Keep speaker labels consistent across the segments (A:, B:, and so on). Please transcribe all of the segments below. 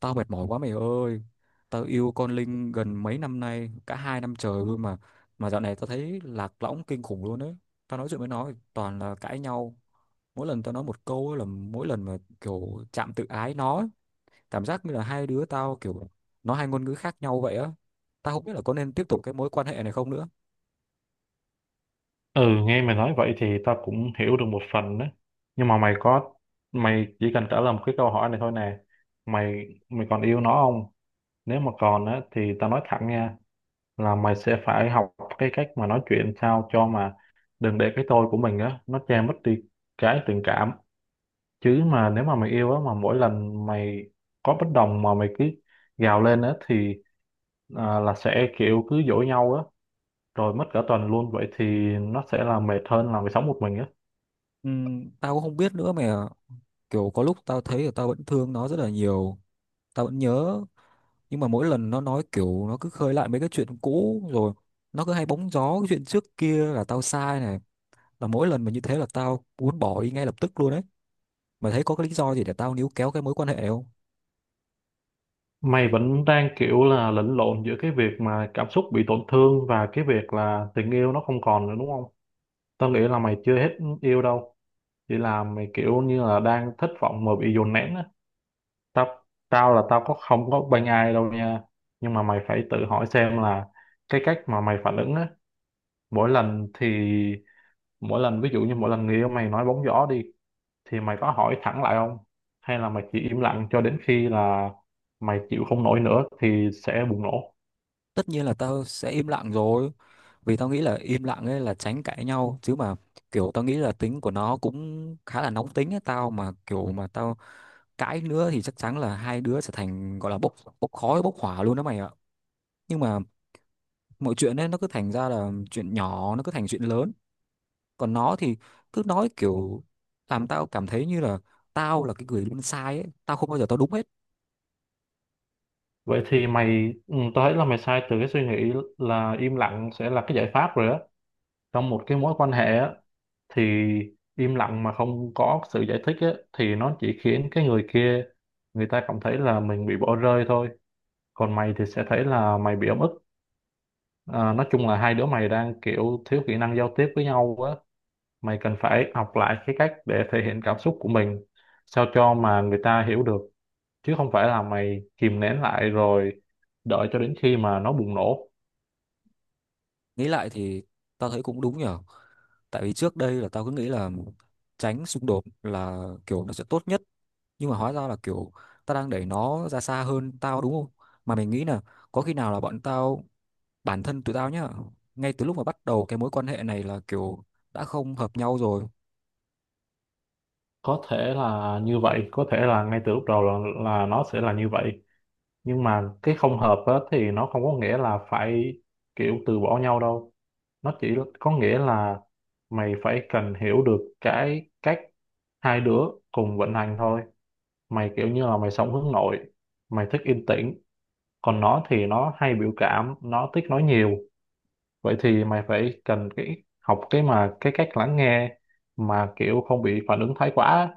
A: Tao mệt mỏi quá mày ơi. Tao yêu con Linh gần mấy năm nay, cả hai năm trời luôn mà. Mà dạo này tao thấy lạc lõng kinh khủng luôn ấy. Tao nói chuyện với nó thì toàn là cãi nhau. Mỗi lần tao nói một câu ấy là mỗi lần mà kiểu chạm tự ái nó ấy. Cảm giác như là hai đứa tao kiểu nó hai ngôn ngữ khác nhau vậy á. Tao không biết là có nên tiếp tục cái mối quan hệ này không nữa.
B: Ừ, nghe mày nói vậy thì tao cũng hiểu được một phần đó. Nhưng mà mày chỉ cần trả lời một cái câu hỏi này thôi nè. Mày còn yêu nó không? Nếu mà còn á, thì tao nói thẳng nha, là mày sẽ phải học cái cách mà nói chuyện sao cho mà đừng để cái tôi của mình á, nó che mất đi cái tình cảm. Chứ mà nếu mà mày yêu á, mà mỗi lần mày có bất đồng mà mày cứ gào lên á, thì là sẽ kiểu cứ dỗi nhau á, rồi mất cả tuần luôn. Vậy thì nó sẽ là mệt hơn là mày sống một mình á.
A: Tao cũng không biết nữa mày ạ. Kiểu có lúc tao thấy là tao vẫn thương nó rất là nhiều. Tao vẫn nhớ, nhưng mà mỗi lần nó nói kiểu nó cứ khơi lại mấy cái chuyện cũ, rồi nó cứ hay bóng gió cái chuyện trước kia là tao sai này, là mỗi lần mà như thế là tao muốn bỏ đi ngay lập tức luôn đấy, mà thấy có cái lý do gì để tao níu kéo cái mối quan hệ không.
B: Mày vẫn đang kiểu là lẫn lộn giữa cái việc mà cảm xúc bị tổn thương và cái việc là tình yêu nó không còn nữa đúng không? Tao nghĩ là mày chưa hết yêu đâu, chỉ là mày kiểu như là đang thất vọng mà bị dồn nén á. Tao tao là tao không có bênh ai đâu nha, nhưng mà mày phải tự hỏi xem là cái cách mà mày phản ứng á, mỗi lần thì mỗi lần ví dụ như mỗi lần người yêu mày nói bóng gió đi thì mày có hỏi thẳng lại không? Hay là mày chỉ im lặng cho đến khi là mày chịu không nổi nữa thì sẽ bùng nổ?
A: Tất nhiên là tao sẽ im lặng rồi, vì tao nghĩ là im lặng ấy là tránh cãi nhau. Chứ mà kiểu tao nghĩ là tính của nó cũng khá là nóng tính ấy, tao mà kiểu mà tao cãi nữa thì chắc chắn là hai đứa sẽ thành gọi là bốc bốc khói bốc hỏa luôn đó mày ạ. Nhưng mà mọi chuyện ấy nó cứ thành ra là chuyện nhỏ nó cứ thành chuyện lớn. Còn nó thì cứ nói kiểu làm tao cảm thấy như là tao là cái người luôn sai ấy, tao không bao giờ tao đúng hết.
B: Vậy thì tao thấy là mày sai từ cái suy nghĩ là im lặng sẽ là cái giải pháp rồi á. Trong một cái mối quan hệ á, thì im lặng mà không có sự giải thích á, thì nó chỉ khiến cái người kia, người ta cảm thấy là mình bị bỏ rơi thôi. Còn mày thì sẽ thấy là mày bị ấm ức. À, nói chung là hai đứa mày đang kiểu thiếu kỹ năng giao tiếp với nhau á. Mày cần phải học lại cái cách để thể hiện cảm xúc của mình, sao cho mà người ta hiểu được. Chứ không phải là mày kìm nén lại rồi đợi cho đến khi mà nó bùng nổ.
A: Nghĩ lại thì tao thấy cũng đúng nhở. Tại vì trước đây là tao cứ nghĩ là tránh xung đột là kiểu nó sẽ tốt nhất, nhưng mà hóa ra là kiểu tao đang đẩy nó ra xa hơn, tao đúng không? Mà mình nghĩ là có khi nào là bọn tao, bản thân tụi tao nhá, ngay từ lúc mà bắt đầu cái mối quan hệ này là kiểu đã không hợp nhau rồi.
B: Có thể là như vậy, có thể là ngay từ lúc đầu là nó sẽ là như vậy, nhưng mà cái không hợp á, thì nó không có nghĩa là phải kiểu từ bỏ nhau đâu. Nó chỉ có nghĩa là mày phải cần hiểu được cái cách hai đứa cùng vận hành thôi. Mày kiểu như là mày sống hướng nội, mày thích yên tĩnh, còn nó thì nó hay biểu cảm, nó thích nói nhiều. Vậy thì mày phải cần cái cách lắng nghe mà kiểu không bị phản ứng thái quá á.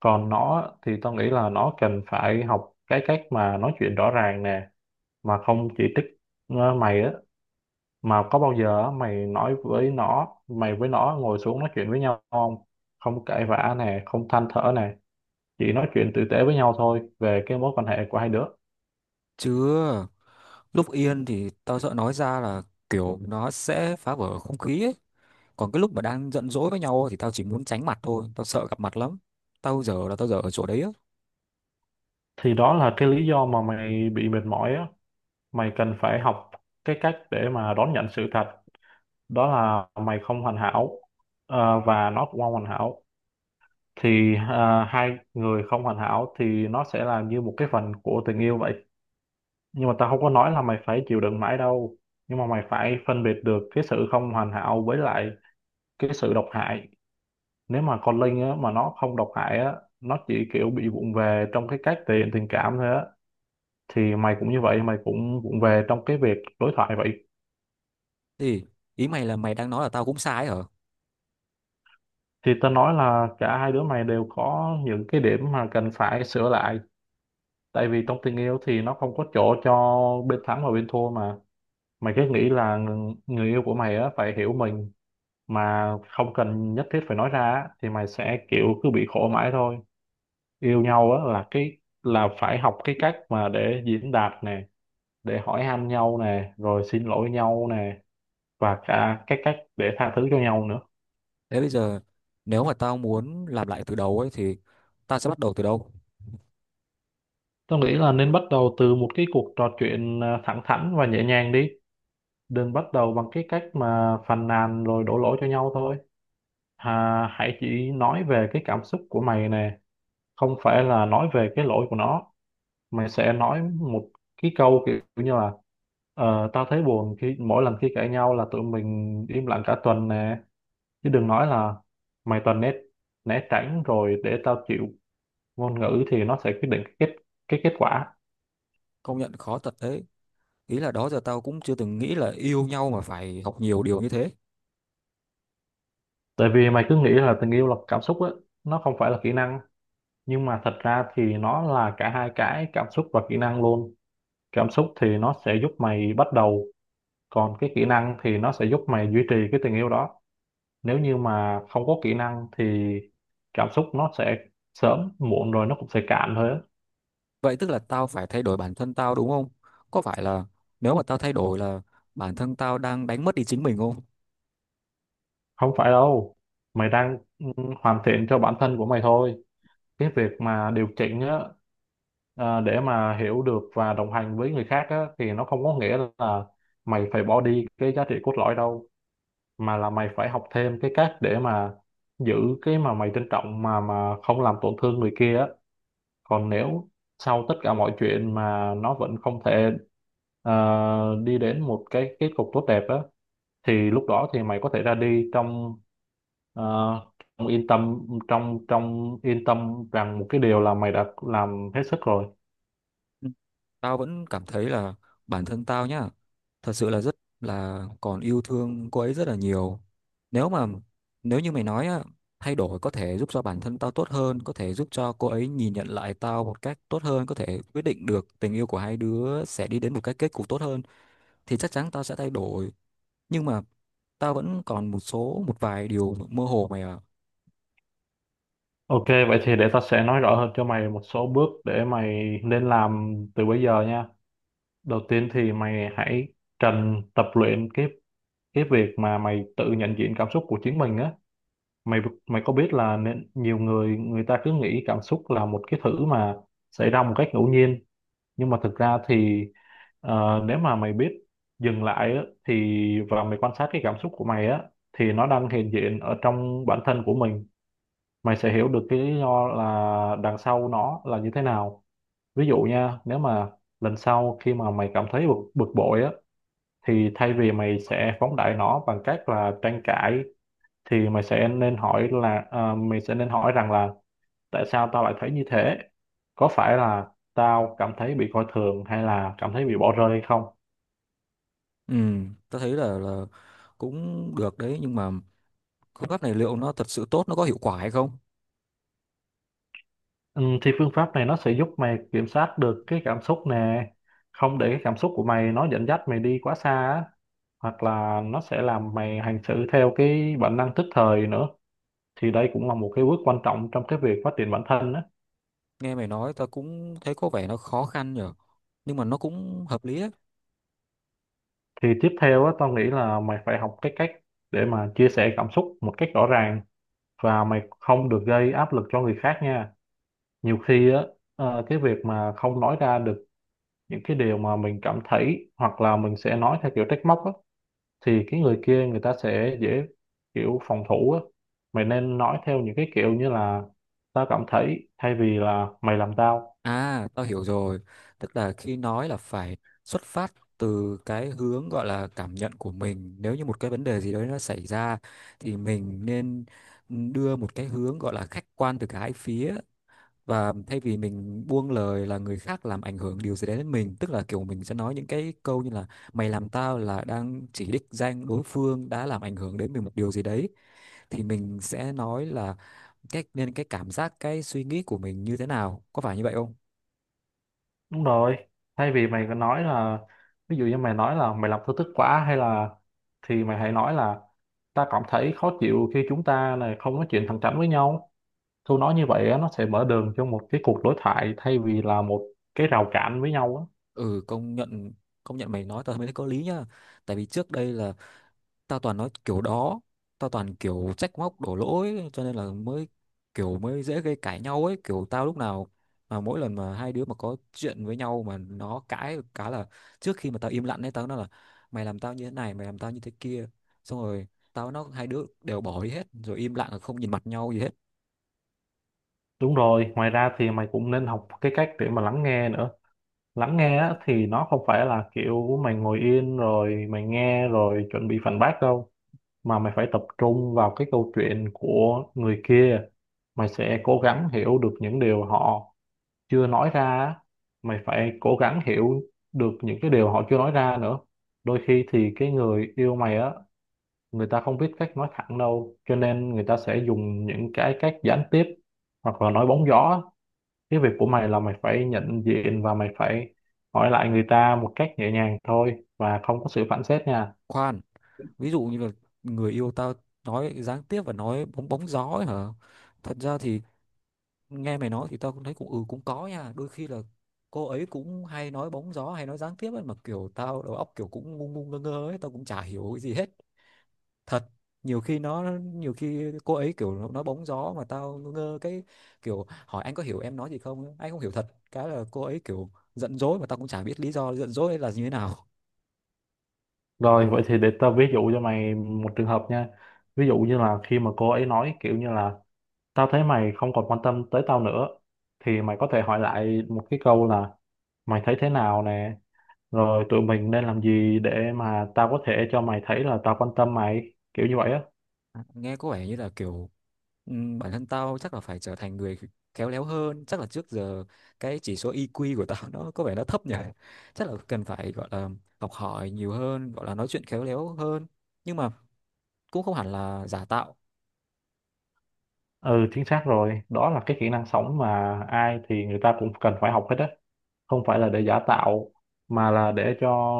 B: Còn nó thì tao nghĩ là nó cần phải học cái cách mà nói chuyện rõ ràng nè, mà không chỉ trích. Mày á, mà có bao giờ á, mày với nó ngồi xuống nói chuyện với nhau không, không cãi vã nè, không than thở nè, chỉ nói chuyện tử tế với nhau thôi về cái mối quan hệ của hai đứa.
A: Chứ lúc yên thì tao sợ nói ra là kiểu nó sẽ phá vỡ không khí ấy, còn cái lúc mà đang giận dỗi với nhau thì tao chỉ muốn tránh mặt thôi, tao sợ gặp mặt lắm. Tao giờ ở chỗ đấy á.
B: Thì đó là cái lý do mà mày bị mệt mỏi á. Mày cần phải học cái cách để mà đón nhận sự thật, đó là mày không hoàn hảo, và nó cũng không hoàn hảo. Thì hai người không hoàn hảo thì nó sẽ là như một cái phần của tình yêu vậy. Nhưng mà tao không có nói là mày phải chịu đựng mãi đâu, nhưng mà mày phải phân biệt được cái sự không hoàn hảo với lại cái sự độc hại. Nếu mà con Linh á, mà nó không độc hại á, nó chỉ kiểu bị vụng về trong cái cách thể hiện tình cảm thôi á, thì mày cũng như vậy, mày cũng vụng về trong cái việc đối thoại vậy.
A: Thì ý mày là mày đang nói là tao cũng sai hả?
B: Thì tao nói là cả hai đứa mày đều có những cái điểm mà cần phải sửa lại, tại vì trong tình yêu thì nó không có chỗ cho bên thắng và bên thua mà. Mày cứ nghĩ là người yêu của mày á phải hiểu mình mà không cần nhất thiết phải nói ra á, thì mày sẽ kiểu cứ bị khổ mãi thôi. Yêu nhau á là phải học cái cách mà để diễn đạt nè, để hỏi han nhau nè, rồi xin lỗi nhau nè, và cả cái cách để tha thứ cho nhau nữa.
A: Thế bây giờ nếu mà tao muốn làm lại từ đầu ấy thì tao sẽ bắt đầu từ đâu?
B: Tôi nghĩ là nên bắt đầu từ một cái cuộc trò chuyện thẳng thắn và nhẹ nhàng đi. Đừng bắt đầu bằng cái cách mà phàn nàn rồi đổ lỗi cho nhau thôi. Hãy chỉ nói về cái cảm xúc của mày nè, không phải là nói về cái lỗi của nó, mà sẽ nói một cái câu kiểu như là tao thấy buồn khi mỗi lần khi cãi nhau là tụi mình im lặng cả tuần nè. Chứ đừng nói là mày toàn né né tránh rồi để tao chịu. Ngôn ngữ thì nó sẽ quyết định cái kết quả.
A: Công nhận khó thật đấy. Ý là đó giờ tao cũng chưa từng nghĩ là yêu nhau mà phải học nhiều điều như thế.
B: Tại vì mày cứ nghĩ là tình yêu là cảm xúc á, nó không phải là kỹ năng, nhưng mà thật ra thì nó là cả hai, cái cảm xúc và kỹ năng luôn. Cảm xúc thì nó sẽ giúp mày bắt đầu, còn cái kỹ năng thì nó sẽ giúp mày duy trì cái tình yêu đó. Nếu như mà không có kỹ năng thì cảm xúc nó sẽ sớm muộn rồi nó cũng sẽ cạn thôi á.
A: Vậy tức là tao phải thay đổi bản thân tao đúng không? Có phải là nếu mà tao thay đổi là bản thân tao đang đánh mất đi chính mình không?
B: Không phải đâu, mày đang hoàn thiện cho bản thân của mày thôi. Cái việc mà điều chỉnh á, để mà hiểu được và đồng hành với người khác á, thì nó không có nghĩa là mày phải bỏ đi cái giá trị cốt lõi đâu, mà là mày phải học thêm cái cách để mà giữ cái mà mày trân trọng mà không làm tổn thương người kia á. Còn nếu sau tất cả mọi chuyện mà nó vẫn không thể đi đến một cái kết cục tốt đẹp á, thì lúc đó thì mày có thể ra đi trong ờ, trong yên tâm trong trong yên tâm rằng một cái điều là mày đã làm hết sức rồi.
A: Ừ. Tao vẫn cảm thấy là bản thân tao nhá, thật sự là rất là còn yêu thương cô ấy rất là nhiều. Nếu mà nếu như mày nói á, thay đổi có thể giúp cho bản thân tao tốt hơn, có thể giúp cho cô ấy nhìn nhận lại tao một cách tốt hơn, có thể quyết định được tình yêu của hai đứa sẽ đi đến một cái kết cục tốt hơn, thì chắc chắn tao sẽ thay đổi. Nhưng mà tao vẫn còn một vài điều mơ hồ mày ạ.
B: OK, vậy thì để tao sẽ nói rõ hơn cho mày một số bước để mày nên làm từ bây giờ nha. Đầu tiên thì mày hãy trần tập luyện cái việc mà mày tự nhận diện cảm xúc của chính mình á. Mày mày có biết là nên nhiều người người ta cứ nghĩ cảm xúc là một cái thứ mà xảy ra một cách ngẫu nhiên, nhưng mà thực ra thì nếu mà mày biết dừng lại á, thì và mày quan sát cái cảm xúc của mày á, thì nó đang hiện diện ở trong bản thân của mình, mày sẽ hiểu được cái lý do là đằng sau nó là như thế nào. Ví dụ nha, nếu mà lần sau khi mà mày cảm thấy bực bội á, thì thay vì mày sẽ phóng đại nó bằng cách là tranh cãi, thì mày sẽ nên hỏi là à, mày sẽ nên hỏi rằng là tại sao tao lại thấy như thế. Có phải là tao cảm thấy bị coi thường, hay là cảm thấy bị bỏ rơi hay không?
A: Ừ, tao thấy là cũng được đấy, nhưng mà phương pháp này liệu nó thật sự tốt, nó có hiệu quả hay không?
B: Ừ, thì phương pháp này nó sẽ giúp mày kiểm soát được cái cảm xúc nè, không để cái cảm xúc của mày nó dẫn dắt mày đi quá xa á, hoặc là nó sẽ làm mày hành xử theo cái bản năng tức thời nữa. Thì đây cũng là một cái bước quan trọng trong cái việc phát triển bản thân á.
A: Nghe mày nói tao cũng thấy có vẻ nó khó khăn nhở, nhưng mà nó cũng hợp lý đấy.
B: Thì tiếp theo á, tao nghĩ là mày phải học cái cách để mà chia sẻ cảm xúc một cách rõ ràng, và mày không được gây áp lực cho người khác nha. Nhiều khi á, cái việc mà không nói ra được những cái điều mà mình cảm thấy, hoặc là mình sẽ nói theo kiểu trách móc á, thì cái người kia người ta sẽ dễ kiểu phòng thủ á. Mày nên nói theo những cái kiểu như là tao cảm thấy, thay vì là mày làm tao.
A: À, tao hiểu rồi. Tức là khi nói là phải xuất phát từ cái hướng gọi là cảm nhận của mình. Nếu như một cái vấn đề gì đấy nó xảy ra thì mình nên đưa một cái hướng gọi là khách quan từ cả hai phía, và thay vì mình buông lời là người khác làm ảnh hưởng điều gì đấy đến mình, tức là kiểu mình sẽ nói những cái câu như là mày làm tao, là đang chỉ đích danh đối phương đã làm ảnh hưởng đến mình một điều gì đấy, thì mình sẽ nói là cái nên cái cảm giác, cái suy nghĩ của mình như thế nào, có phải như vậy không?
B: Đúng rồi, thay vì mày có nói là ví dụ như mày nói là mày làm tao tức quá hay là, thì mày hãy nói là ta cảm thấy khó chịu khi chúng ta này không nói chuyện thẳng thắn với nhau. Thu nói như vậy á, nó sẽ mở đường cho một cái cuộc đối thoại thay vì là một cái rào cản với nhau á.
A: Ừ, công nhận, công nhận mày nói tao mới thấy có lý nhá. Tại vì trước đây là tao toàn nói kiểu đó, tao toàn kiểu trách móc đổ lỗi, cho nên là mới dễ gây cãi nhau ấy. Kiểu tao lúc nào mà mỗi lần mà hai đứa mà có chuyện với nhau mà nó cãi cá là trước khi mà tao im lặng ấy, tao nói là mày làm tao như thế này, mày làm tao như thế kia, xong rồi tao nó hai đứa đều bỏ đi hết, rồi im lặng là không nhìn mặt nhau gì hết.
B: Đúng rồi, ngoài ra thì mày cũng nên học cái cách để mà lắng nghe nữa. Lắng nghe á, thì nó không phải là kiểu mày ngồi yên rồi mày nghe rồi chuẩn bị phản bác đâu. Mà mày phải tập trung vào cái câu chuyện của người kia. Mày sẽ cố gắng hiểu được những điều họ chưa nói ra. Á. Mày phải cố gắng hiểu được những cái điều họ chưa nói ra nữa. Đôi khi thì cái người yêu mày á, người ta không biết cách nói thẳng đâu, cho nên người ta sẽ dùng những cái cách gián tiếp hoặc là nói bóng gió. Cái việc của mày là mày phải nhận diện và mày phải hỏi lại người ta một cách nhẹ nhàng thôi và không có sự phản xét nha.
A: Khoan, ví dụ như là người yêu tao nói gián tiếp và nói bóng bóng gió ấy hả? Thật ra thì nghe mày nói thì tao cũng thấy cũng cũng có nha. Đôi khi là cô ấy cũng hay nói bóng gió hay nói gián tiếp ấy, mà kiểu tao đầu óc kiểu cũng ngu ngu ngơ ngơ ấy, tao cũng chả hiểu cái gì hết. Thật, nhiều khi cô ấy kiểu nói bóng gió mà tao ngơ ngơ, cái kiểu hỏi "anh có hiểu em nói gì không ấy?" Anh không hiểu thật. Cái là cô ấy kiểu giận dỗi mà tao cũng chả biết lý do giận dỗi là như thế nào.
B: Rồi vậy thì để tao ví dụ cho mày một trường hợp nha. Ví dụ như là khi mà cô ấy nói kiểu như là tao thấy mày không còn quan tâm tới tao nữa, thì mày có thể hỏi lại một cái câu là mày thấy thế nào nè, rồi tụi mình nên làm gì để mà tao có thể cho mày thấy là tao quan tâm mày, kiểu như vậy á.
A: À, nghe có vẻ như là kiểu Ừ, bản thân tao chắc là phải trở thành người khéo léo hơn. Chắc là trước giờ cái chỉ số EQ của tao nó có vẻ nó thấp nhỉ. Chắc là cần phải gọi là học hỏi nhiều hơn, gọi là nói chuyện khéo léo hơn, nhưng mà cũng không hẳn là giả tạo.
B: Ừ, chính xác rồi, đó là cái kỹ năng sống mà ai thì người ta cũng cần phải học hết á. Không phải là để giả tạo, mà là để cho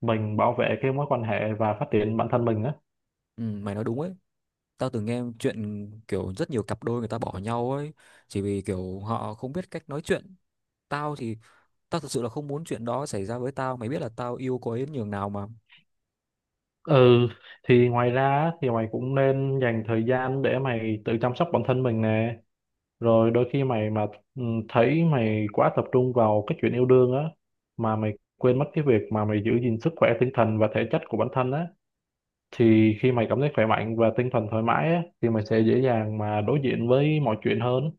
B: mình bảo vệ cái mối quan hệ và phát triển bản thân mình á.
A: Ừ, mày nói đúng ấy. Tao từng nghe chuyện kiểu rất nhiều cặp đôi người ta bỏ nhau ấy, chỉ vì kiểu họ không biết cách nói chuyện. Tao thì tao thật sự là không muốn chuyện đó xảy ra với tao, mày biết là tao yêu cô ấy đến nhường nào mà.
B: Ừ, thì ngoài ra á, thì mày cũng nên dành thời gian để mày tự chăm sóc bản thân mình nè. Rồi đôi khi mày mà ừ, thấy mày quá tập trung vào cái chuyện yêu đương á, mà mày quên mất cái việc mà mày giữ gìn sức khỏe tinh thần và thể chất của bản thân á, thì khi mày cảm thấy khỏe mạnh và tinh thần thoải mái á thì mày sẽ dễ dàng mà đối diện với mọi chuyện hơn.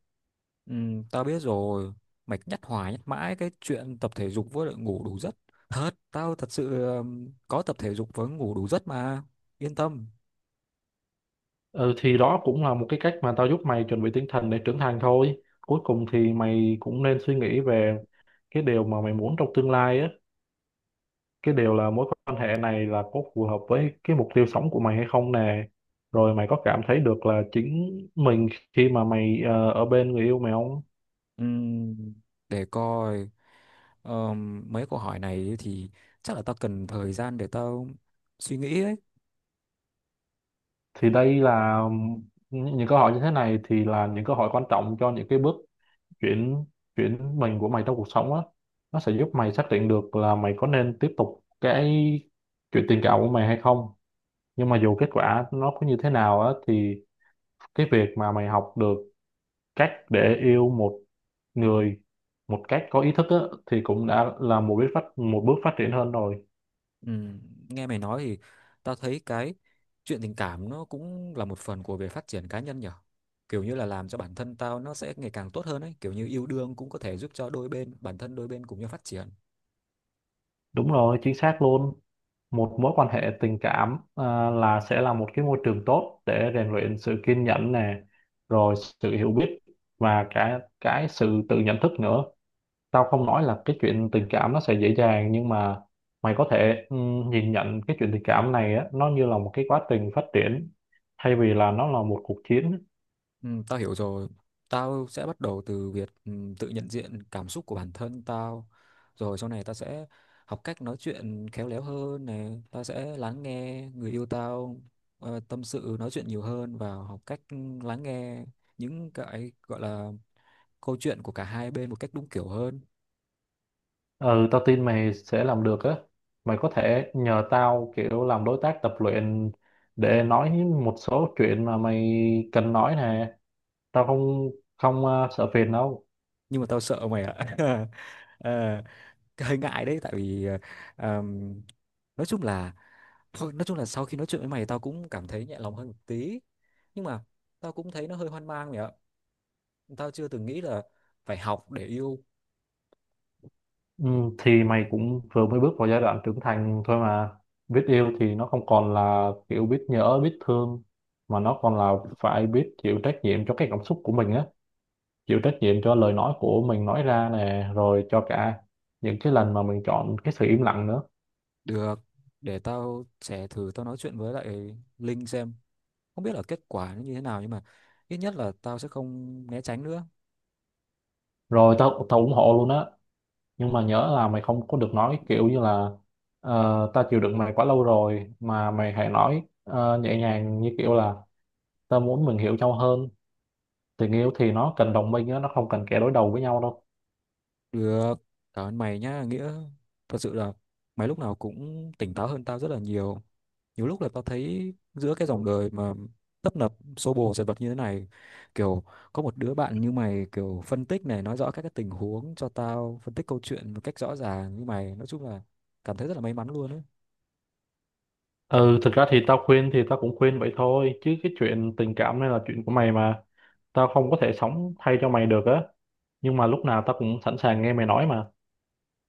A: Ừ, tao biết rồi. Mày nhắc hoài nhắc mãi cái chuyện tập thể dục với lại ngủ đủ giấc. Thật, tao thật sự có tập thể dục với ngủ đủ giấc mà. Yên tâm.
B: Ừ, thì đó cũng là một cái cách mà tao giúp mày chuẩn bị tinh thần để trưởng thành thôi. Cuối cùng thì mày cũng nên suy nghĩ về cái điều mà mày muốn trong tương lai á, cái điều là mối quan hệ này là có phù hợp với cái mục tiêu sống của mày hay không nè, rồi mày có cảm thấy được là chính mình khi mà mày ở bên người yêu mày không.
A: Ừm, để coi, mấy câu hỏi này thì chắc là tao cần thời gian để tao suy nghĩ ấy.
B: Thì đây là những câu hỏi như thế này thì là những câu hỏi quan trọng cho những cái bước chuyển chuyển mình của mày trong cuộc sống á. Nó sẽ giúp mày xác định được là mày có nên tiếp tục cái chuyện tình cảm của mày hay không. Nhưng mà dù kết quả nó có như thế nào á, thì cái việc mà mày học được cách để yêu một người một cách có ý thức á, thì cũng đã là một bước phát triển hơn rồi.
A: Ừm, Nghe mày nói thì tao thấy cái chuyện tình cảm nó cũng là một phần của việc phát triển cá nhân nhở. Kiểu như là làm cho bản thân tao nó sẽ ngày càng tốt hơn ấy. Kiểu như yêu đương cũng có thể giúp cho đôi bên, bản thân đôi bên cùng nhau phát triển.
B: Đúng rồi, chính xác luôn. Một mối quan hệ tình cảm à, là sẽ là một cái môi trường tốt để rèn luyện sự kiên nhẫn nè, rồi sự hiểu biết và cả cái sự tự nhận thức nữa. Tao không nói là cái chuyện tình cảm nó sẽ dễ dàng, nhưng mà mày có thể nhìn nhận cái chuyện tình cảm này á, nó như là một cái quá trình phát triển thay vì là nó là một cuộc chiến.
A: Ừ, tao hiểu rồi. Tao sẽ bắt đầu từ việc tự nhận diện cảm xúc của bản thân tao. Rồi sau này tao sẽ học cách nói chuyện khéo léo hơn này. Tao sẽ lắng nghe người yêu tao tâm sự nói chuyện nhiều hơn, và học cách lắng nghe những cái gọi là câu chuyện của cả hai bên một cách đúng kiểu hơn.
B: Ừ, tao tin mày sẽ làm được á. Mày có thể nhờ tao kiểu làm đối tác tập luyện để nói một số chuyện mà mày cần nói nè. Tao không không ờ, sợ phiền đâu.
A: Nhưng mà tao sợ mày ạ. Ờ, hơi ngại đấy, tại vì ờm, nói chung là, thôi nói chung là sau khi nói chuyện với mày tao cũng cảm thấy nhẹ lòng hơn một tí, nhưng mà tao cũng thấy nó hơi hoang mang mày ạ. Tao chưa từng nghĩ là phải học để yêu.
B: Ừ, thì mày cũng vừa mới bước vào giai đoạn trưởng thành thôi mà. Biết yêu thì nó không còn là kiểu biết nhớ, biết thương, mà nó còn là phải biết chịu trách nhiệm cho cái cảm xúc của mình á, chịu trách nhiệm cho lời nói của mình nói ra nè, rồi cho cả những cái lần mà mình chọn cái sự im lặng nữa.
A: Được, để tao sẽ thử tao nói chuyện với lại Linh xem, không biết là kết quả nó như thế nào, nhưng mà ít nhất là tao sẽ không né tránh nữa.
B: Rồi tao tao ủng hộ luôn á. Nhưng mà nhớ là mày không có được nói cái kiểu như là "Ờ, ta chịu đựng mày quá lâu rồi" mà mày hãy nói nhẹ nhàng như kiểu là ta muốn mình hiểu nhau hơn. Tình yêu thì nó cần đồng minh á, nó không cần kẻ đối đầu với nhau đâu.
A: Được, cảm ơn mày nhá Nghĩa. Thật sự là mày lúc nào cũng tỉnh táo hơn tao rất là nhiều. Nhiều lúc là tao thấy giữa cái dòng đời mà tấp nập xô bồ dần vật như thế này, kiểu có một đứa bạn như mày kiểu phân tích này, nói rõ các cái tình huống cho tao, phân tích câu chuyện một cách rõ ràng như mày, nói chung là cảm thấy rất là may mắn luôn đấy.
B: Ừ, thực ra thì tao cũng khuyên vậy thôi, chứ cái chuyện tình cảm này là chuyện của mày mà. Tao không có thể sống thay cho mày được á, nhưng mà lúc nào tao cũng sẵn sàng nghe mày nói mà.